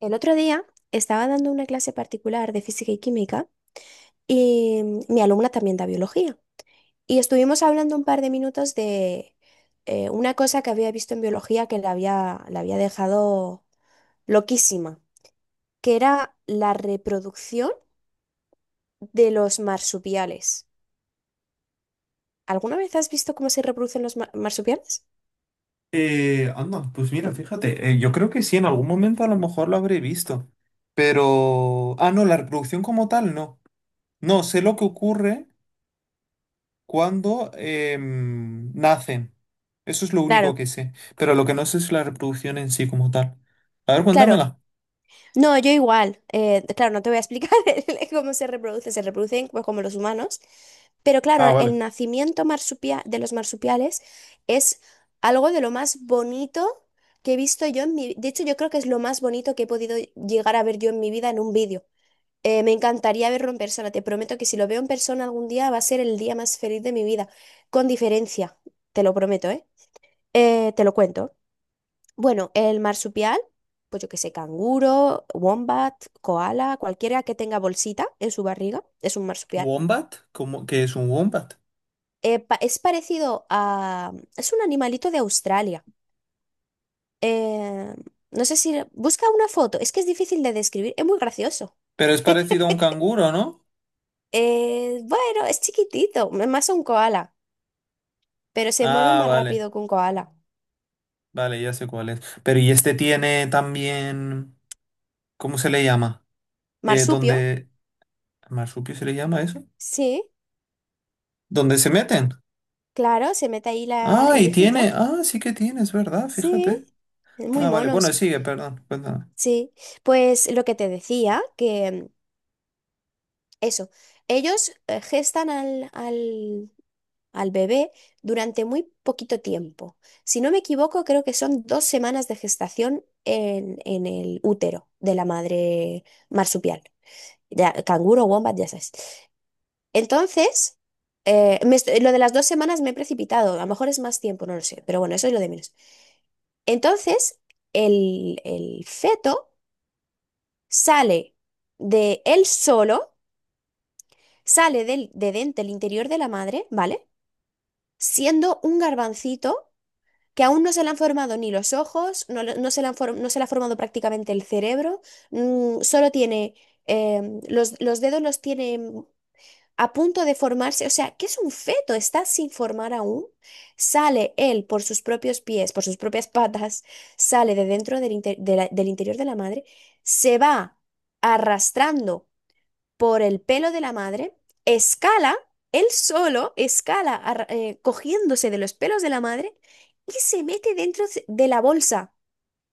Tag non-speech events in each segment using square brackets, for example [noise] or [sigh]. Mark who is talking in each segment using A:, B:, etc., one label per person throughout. A: El otro día estaba dando una clase particular de física y química y mi alumna también da biología. Y estuvimos hablando un par de minutos de una cosa que había visto en biología que la había dejado loquísima, que era la reproducción de los marsupiales. ¿Alguna vez has visto cómo se reproducen los marsupiales?
B: Anda, pues mira, fíjate, yo creo que sí, en algún momento a lo mejor lo habré visto, pero... Ah, no, la reproducción como tal, no. No, sé lo que ocurre cuando nacen. Eso es lo único
A: Claro,
B: que sé, pero lo que no sé es la reproducción en sí como tal. A ver,
A: claro.
B: cuéntamela.
A: No, yo igual. Claro, no te voy a explicar [laughs] cómo se reproduce. Se reproducen pues, como los humanos. Pero
B: Ah,
A: claro, el
B: vale.
A: nacimiento de los marsupiales es algo de lo más bonito que he visto yo en mi. De hecho, yo creo que es lo más bonito que he podido llegar a ver yo en mi vida en un vídeo. Me encantaría verlo en persona. Te prometo que si lo veo en persona algún día va a ser el día más feliz de mi vida. Con diferencia. Te lo prometo, ¿eh? Te lo cuento. Bueno, el marsupial, pues yo que sé, canguro, wombat, koala, cualquiera que tenga bolsita en su barriga, es un marsupial.
B: ¿Wombat? ¿Cómo, qué es un wombat?
A: Es parecido a. Es un animalito de Australia. Eh, no sé si. Busca una foto, es que es difícil de describir, es muy gracioso.
B: Pero es parecido a un
A: [laughs]
B: canguro, ¿no?
A: Bueno, es chiquitito, es más un koala, pero se mueve
B: Ah,
A: más
B: vale,
A: rápido que un koala.
B: vale, ya sé cuál es. Pero ¿y este tiene también... ¿Cómo se le llama?
A: Marsupio,
B: Donde... ¿Marsupio se le llama eso?
A: sí,
B: ¿Dónde se meten?
A: claro, se mete ahí
B: Ah,
A: el
B: y tiene.
A: hijito.
B: Ah, sí que tiene, es verdad,
A: Sí,
B: fíjate.
A: es muy
B: Ah, vale,
A: mono.
B: bueno, sigue, perdón, cuéntame.
A: Sí, pues lo que te decía, que eso, ellos gestan al bebé durante muy poquito tiempo. Si no me equivoco, creo que son 2 semanas de gestación en el útero de la madre marsupial, ya, canguro, wombat, ya sabes. Entonces, lo de las 2 semanas me he precipitado, a lo mejor es más tiempo, no lo sé, pero bueno, eso es lo de menos. Entonces, el feto sale de él solo. Sale del, de dentro el interior de la madre, ¿vale? Siendo un garbancito que aún no se le han formado ni los ojos, no, le- no se le han for- no se le ha formado prácticamente el cerebro, solo tiene, los dedos los tiene a punto de formarse, o sea, que es un feto, está sin formar aún. Sale él por sus propios pies, por sus propias [laughs] patas, sale de dentro del interior de la madre, se va arrastrando por el pelo de la madre, escala, él solo escala cogiéndose de los pelos de la madre y se mete dentro de la bolsa.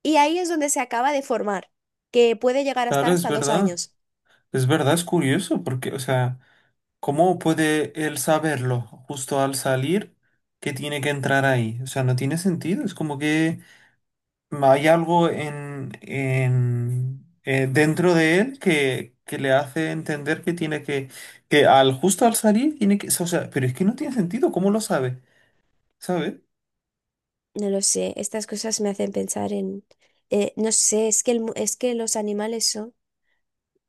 A: Y ahí es donde se acaba de formar, que puede llegar a
B: Claro,
A: estar
B: es
A: hasta dos
B: verdad.
A: años.
B: Es verdad, es curioso, porque, o sea, ¿cómo puede él saberlo justo al salir que tiene que entrar ahí? O sea, no tiene sentido. Es como que hay algo en, en dentro de él que le hace entender que tiene que al justo al salir tiene que. O sea, pero es que no tiene sentido, ¿cómo lo sabe? ¿Sabe?
A: No lo sé, estas cosas me hacen pensar en. No sé, es que, es que los animales son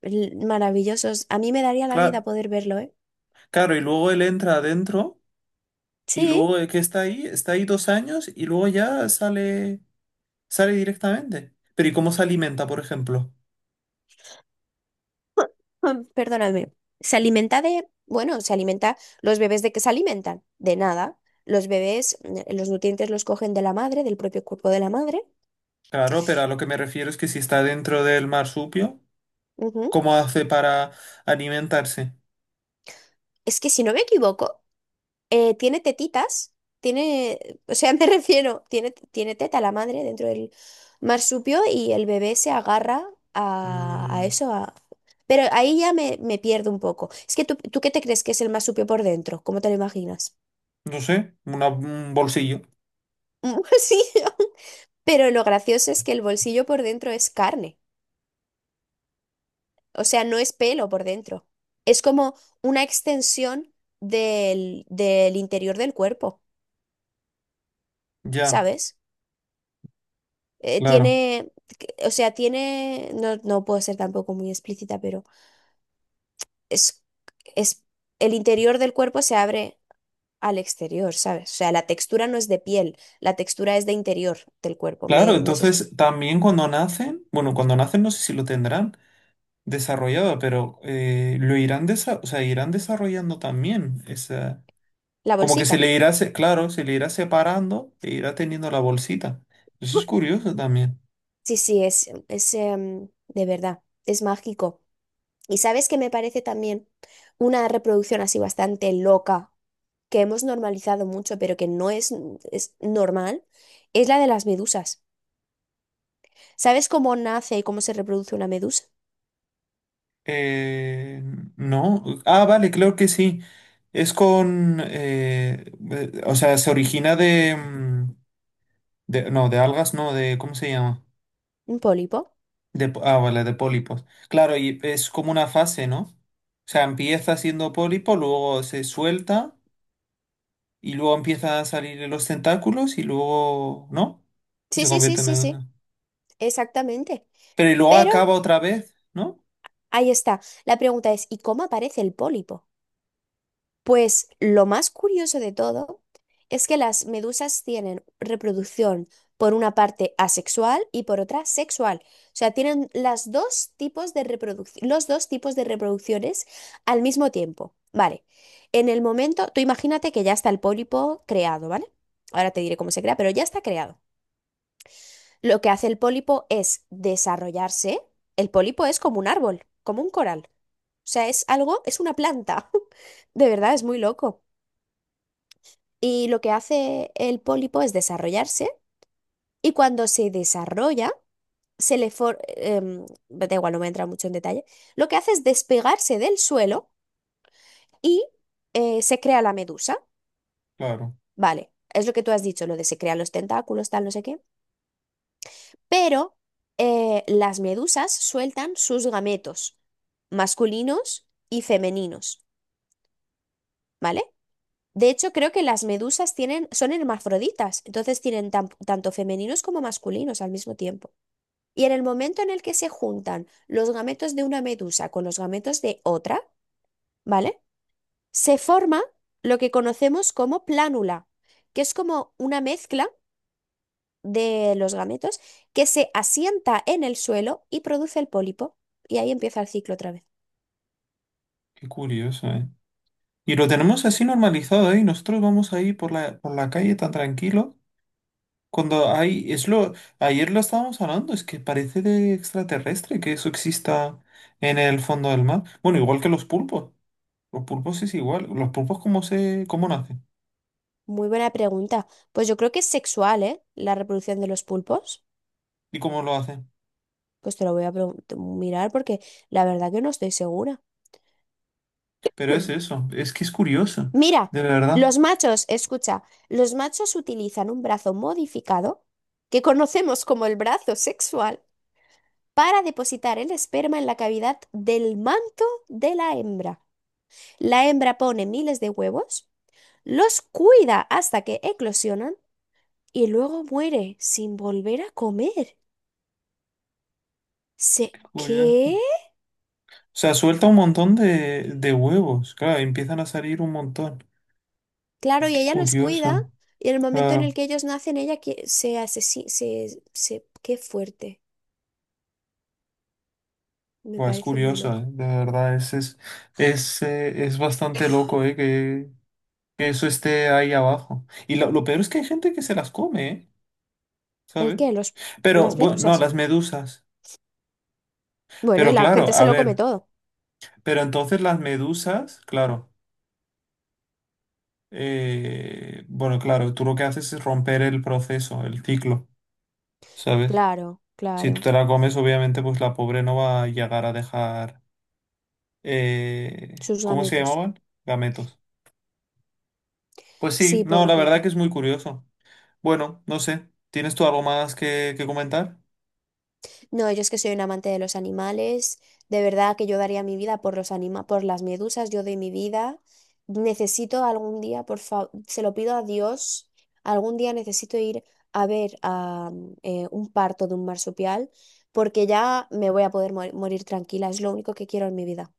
A: maravillosos. A mí me daría la vida
B: Claro,
A: poder verlo, ¿eh?
B: claro, y luego él entra adentro y
A: Sí.
B: luego que está ahí 2 años y luego ya sale, sale directamente. Pero ¿y cómo se alimenta, por ejemplo?
A: [laughs] Perdóname. Bueno, los bebés, ¿de qué se alimentan? De nada. Los bebés, los nutrientes los cogen de la madre, del propio cuerpo de la madre.
B: Claro, pero a lo que me refiero es que si está dentro del marsupio,
A: Ujú.
B: ¿cómo hace para alimentarse?
A: Es que si no me equivoco, tiene tetitas, tiene, o sea, [laughs] me refiero, tiene teta la madre dentro del marsupio y el bebé se agarra a
B: Mm,
A: eso, a- Pero ahí ya me pierdo un poco. Es que tú, ¿tú qué te crees que es el marsupio por dentro? ¿Cómo te lo imaginas?
B: no sé, un bolsillo.
A: [laughs] Sí, pero lo gracioso es que el bolsillo por dentro es carne, o sea, no es pelo por dentro. Es como una extensión del, del interior del cuerpo,
B: Ya,
A: ¿sabes?
B: claro.
A: Tiene, o sea, tiene, no, no puedo ser tampoco muy explícita, pero es, es, el interior del cuerpo se abre al exterior, ¿sabes? O sea, la textura no es de piel, la textura es de interior del cuerpo.
B: Claro,
A: No sé
B: entonces también cuando nacen, bueno, cuando nacen no sé si lo tendrán desarrollado, pero lo irán, o sea, irán desarrollando también esa.
A: la
B: Como que se
A: bolsita.
B: le irá, se- claro, se le irá separando e irá teniendo la bolsita. Eso es curioso también.
A: Sí, sí, de verdad, es mágico. Y sabes que me parece también una reproducción así bastante loca, que hemos normalizado mucho, pero que no es normal, es la de las medusas. ¿Sabes cómo nace y cómo se reproduce una medusa?
B: Eh, no. Ah, vale, creo que sí. Es con, o sea, se origina de, no, de algas, no, de, ¿cómo se llama?
A: ¿Un pólipo?
B: De, ah, vale, de pólipos. Claro, y es como una fase, ¿no? O sea, empieza siendo pólipo, luego se suelta y luego empiezan a salir los tentáculos y luego, ¿no? Y
A: Sí,
B: se
A: sí, sí,
B: convierte en
A: sí, sí,
B: medusa.
A: exactamente.
B: Pero y luego
A: Pero
B: acaba otra vez, ¿no?
A: ahí está. La pregunta es, ¿y cómo aparece el pólipo? Pues lo más curioso de todo es que las medusas tienen reproducción por una parte asexual y por otra sexual. O sea, tienen las dos tipos de reproducción, los dos tipos de reproducciones al mismo tiempo. Vale. En el momento, tú imagínate que ya está el pólipo creado, ¿vale? Ahora te diré cómo se crea, pero ya está creado. Lo que hace el pólipo es desarrollarse. El pólipo es como un árbol, como un coral. O sea, es algo, es una planta. [laughs] De verdad, es muy loco. Y lo que hace el pólipo es desarrollarse y cuando se desarrolla, se le for- em, da igual, no voy a entrar mucho en detalle, lo que hace es despegarse del suelo y se crea la medusa.
B: Claro,
A: Vale, es lo que tú has dicho, lo de se crean los tentáculos, tal, no sé qué. Pero las medusas sueltan sus gametos masculinos y femeninos, ¿vale? De hecho, creo que las medusas tienen, son hermafroditas, entonces tienen tanto femeninos como masculinos al mismo tiempo. Y en el momento en el que se juntan los gametos de una medusa con los gametos de otra, ¿vale? Se forma lo que conocemos como plánula, que es como una mezcla de los gametos que se asienta en el suelo y produce el pólipo. Y ahí empieza el ciclo otra vez.
B: qué curioso, ¿eh? Y lo tenemos así normalizado, ¿eh? Y nosotros vamos ahí por la calle tan tranquilo. Cuando hay, es lo, ayer lo estábamos hablando, es que parece de extraterrestre que eso exista en el fondo del mar. Bueno, igual que los pulpos. Los pulpos es igual. Los pulpos cómo se, cómo nacen
A: Muy buena pregunta. Pues yo creo que es sexual, ¿eh? La reproducción de los pulpos.
B: y cómo lo hacen.
A: Pues te lo voy a mirar porque la verdad que no estoy segura. [clears throat]
B: Pero es
A: Hmm.
B: eso, es que es curioso,
A: Mira,
B: de verdad.
A: los machos, escucha, los machos utilizan un brazo modificado, que conocemos como el brazo sexual, para depositar el esperma en la cavidad del manto de la hembra. La hembra pone miles de huevos, los cuida hasta que eclosionan y luego muere sin volver a comer. ¿Se
B: Curioso. O
A: qué?
B: sea, suelta un montón de huevos. Claro, empiezan a salir un montón.
A: Claro, y
B: Qué
A: ella los cuida
B: curioso.
A: y en el momento en
B: Claro,
A: el que ellos nacen, ella se asesina, se. Qué fuerte, me
B: pues
A: parece muy
B: curioso, ¿eh?
A: loco.
B: De verdad, es, es bastante loco, ¿eh? Que eso esté ahí abajo. Y lo peor es que hay gente que se las come, ¿eh?
A: ¿El
B: ¿Sabes?
A: qué? Los,
B: Pero,
A: las
B: bueno, no,
A: medusas.
B: las medusas.
A: Bueno, y
B: Pero
A: la
B: claro,
A: gente se
B: a
A: lo come
B: ver,
A: todo.
B: pero entonces las medusas, claro, bueno, claro, tú lo que haces es romper el proceso, el ciclo, ¿sabes?
A: Claro,
B: Si tú
A: claro.
B: te la comes, obviamente, pues la pobre no va a llegar a dejar,
A: Sus
B: ¿cómo se
A: gametos.
B: llamaban? Gametos. Pues sí,
A: Sí,
B: no, la verdad que
A: pobrecita.
B: es muy curioso. Bueno, no sé, ¿tienes tú algo más que comentar?
A: No, yo es que soy un amante de los animales. De verdad que yo daría mi vida por por las medusas. Yo doy mi vida. Necesito algún día, por favor, se lo pido a Dios. Algún día necesito ir a ver a un parto de un marsupial, porque ya me voy a poder morir tranquila. Es lo único que quiero en mi vida.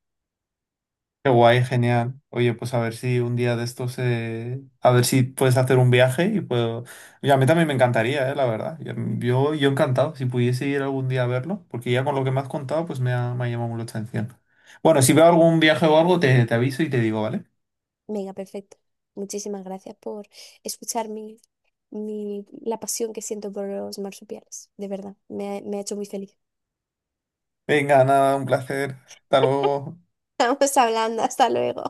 B: Qué guay, genial. Oye, pues a ver si un día de estos, a ver si puedes hacer un viaje y puedo... Y a mí también me encantaría, la verdad. Yo, yo encantado, si pudiese ir algún día a verlo, porque ya con lo que me has contado, pues me ha llamado mucho la atención. Bueno, si veo algún viaje o algo, te aviso y te digo, ¿vale?
A: Venga, perfecto. Muchísimas gracias por escuchar la pasión que siento por los marsupiales. De verdad, me ha hecho muy feliz.
B: Venga, nada, un placer. Hasta luego.
A: [laughs] Estamos hablando, hasta luego.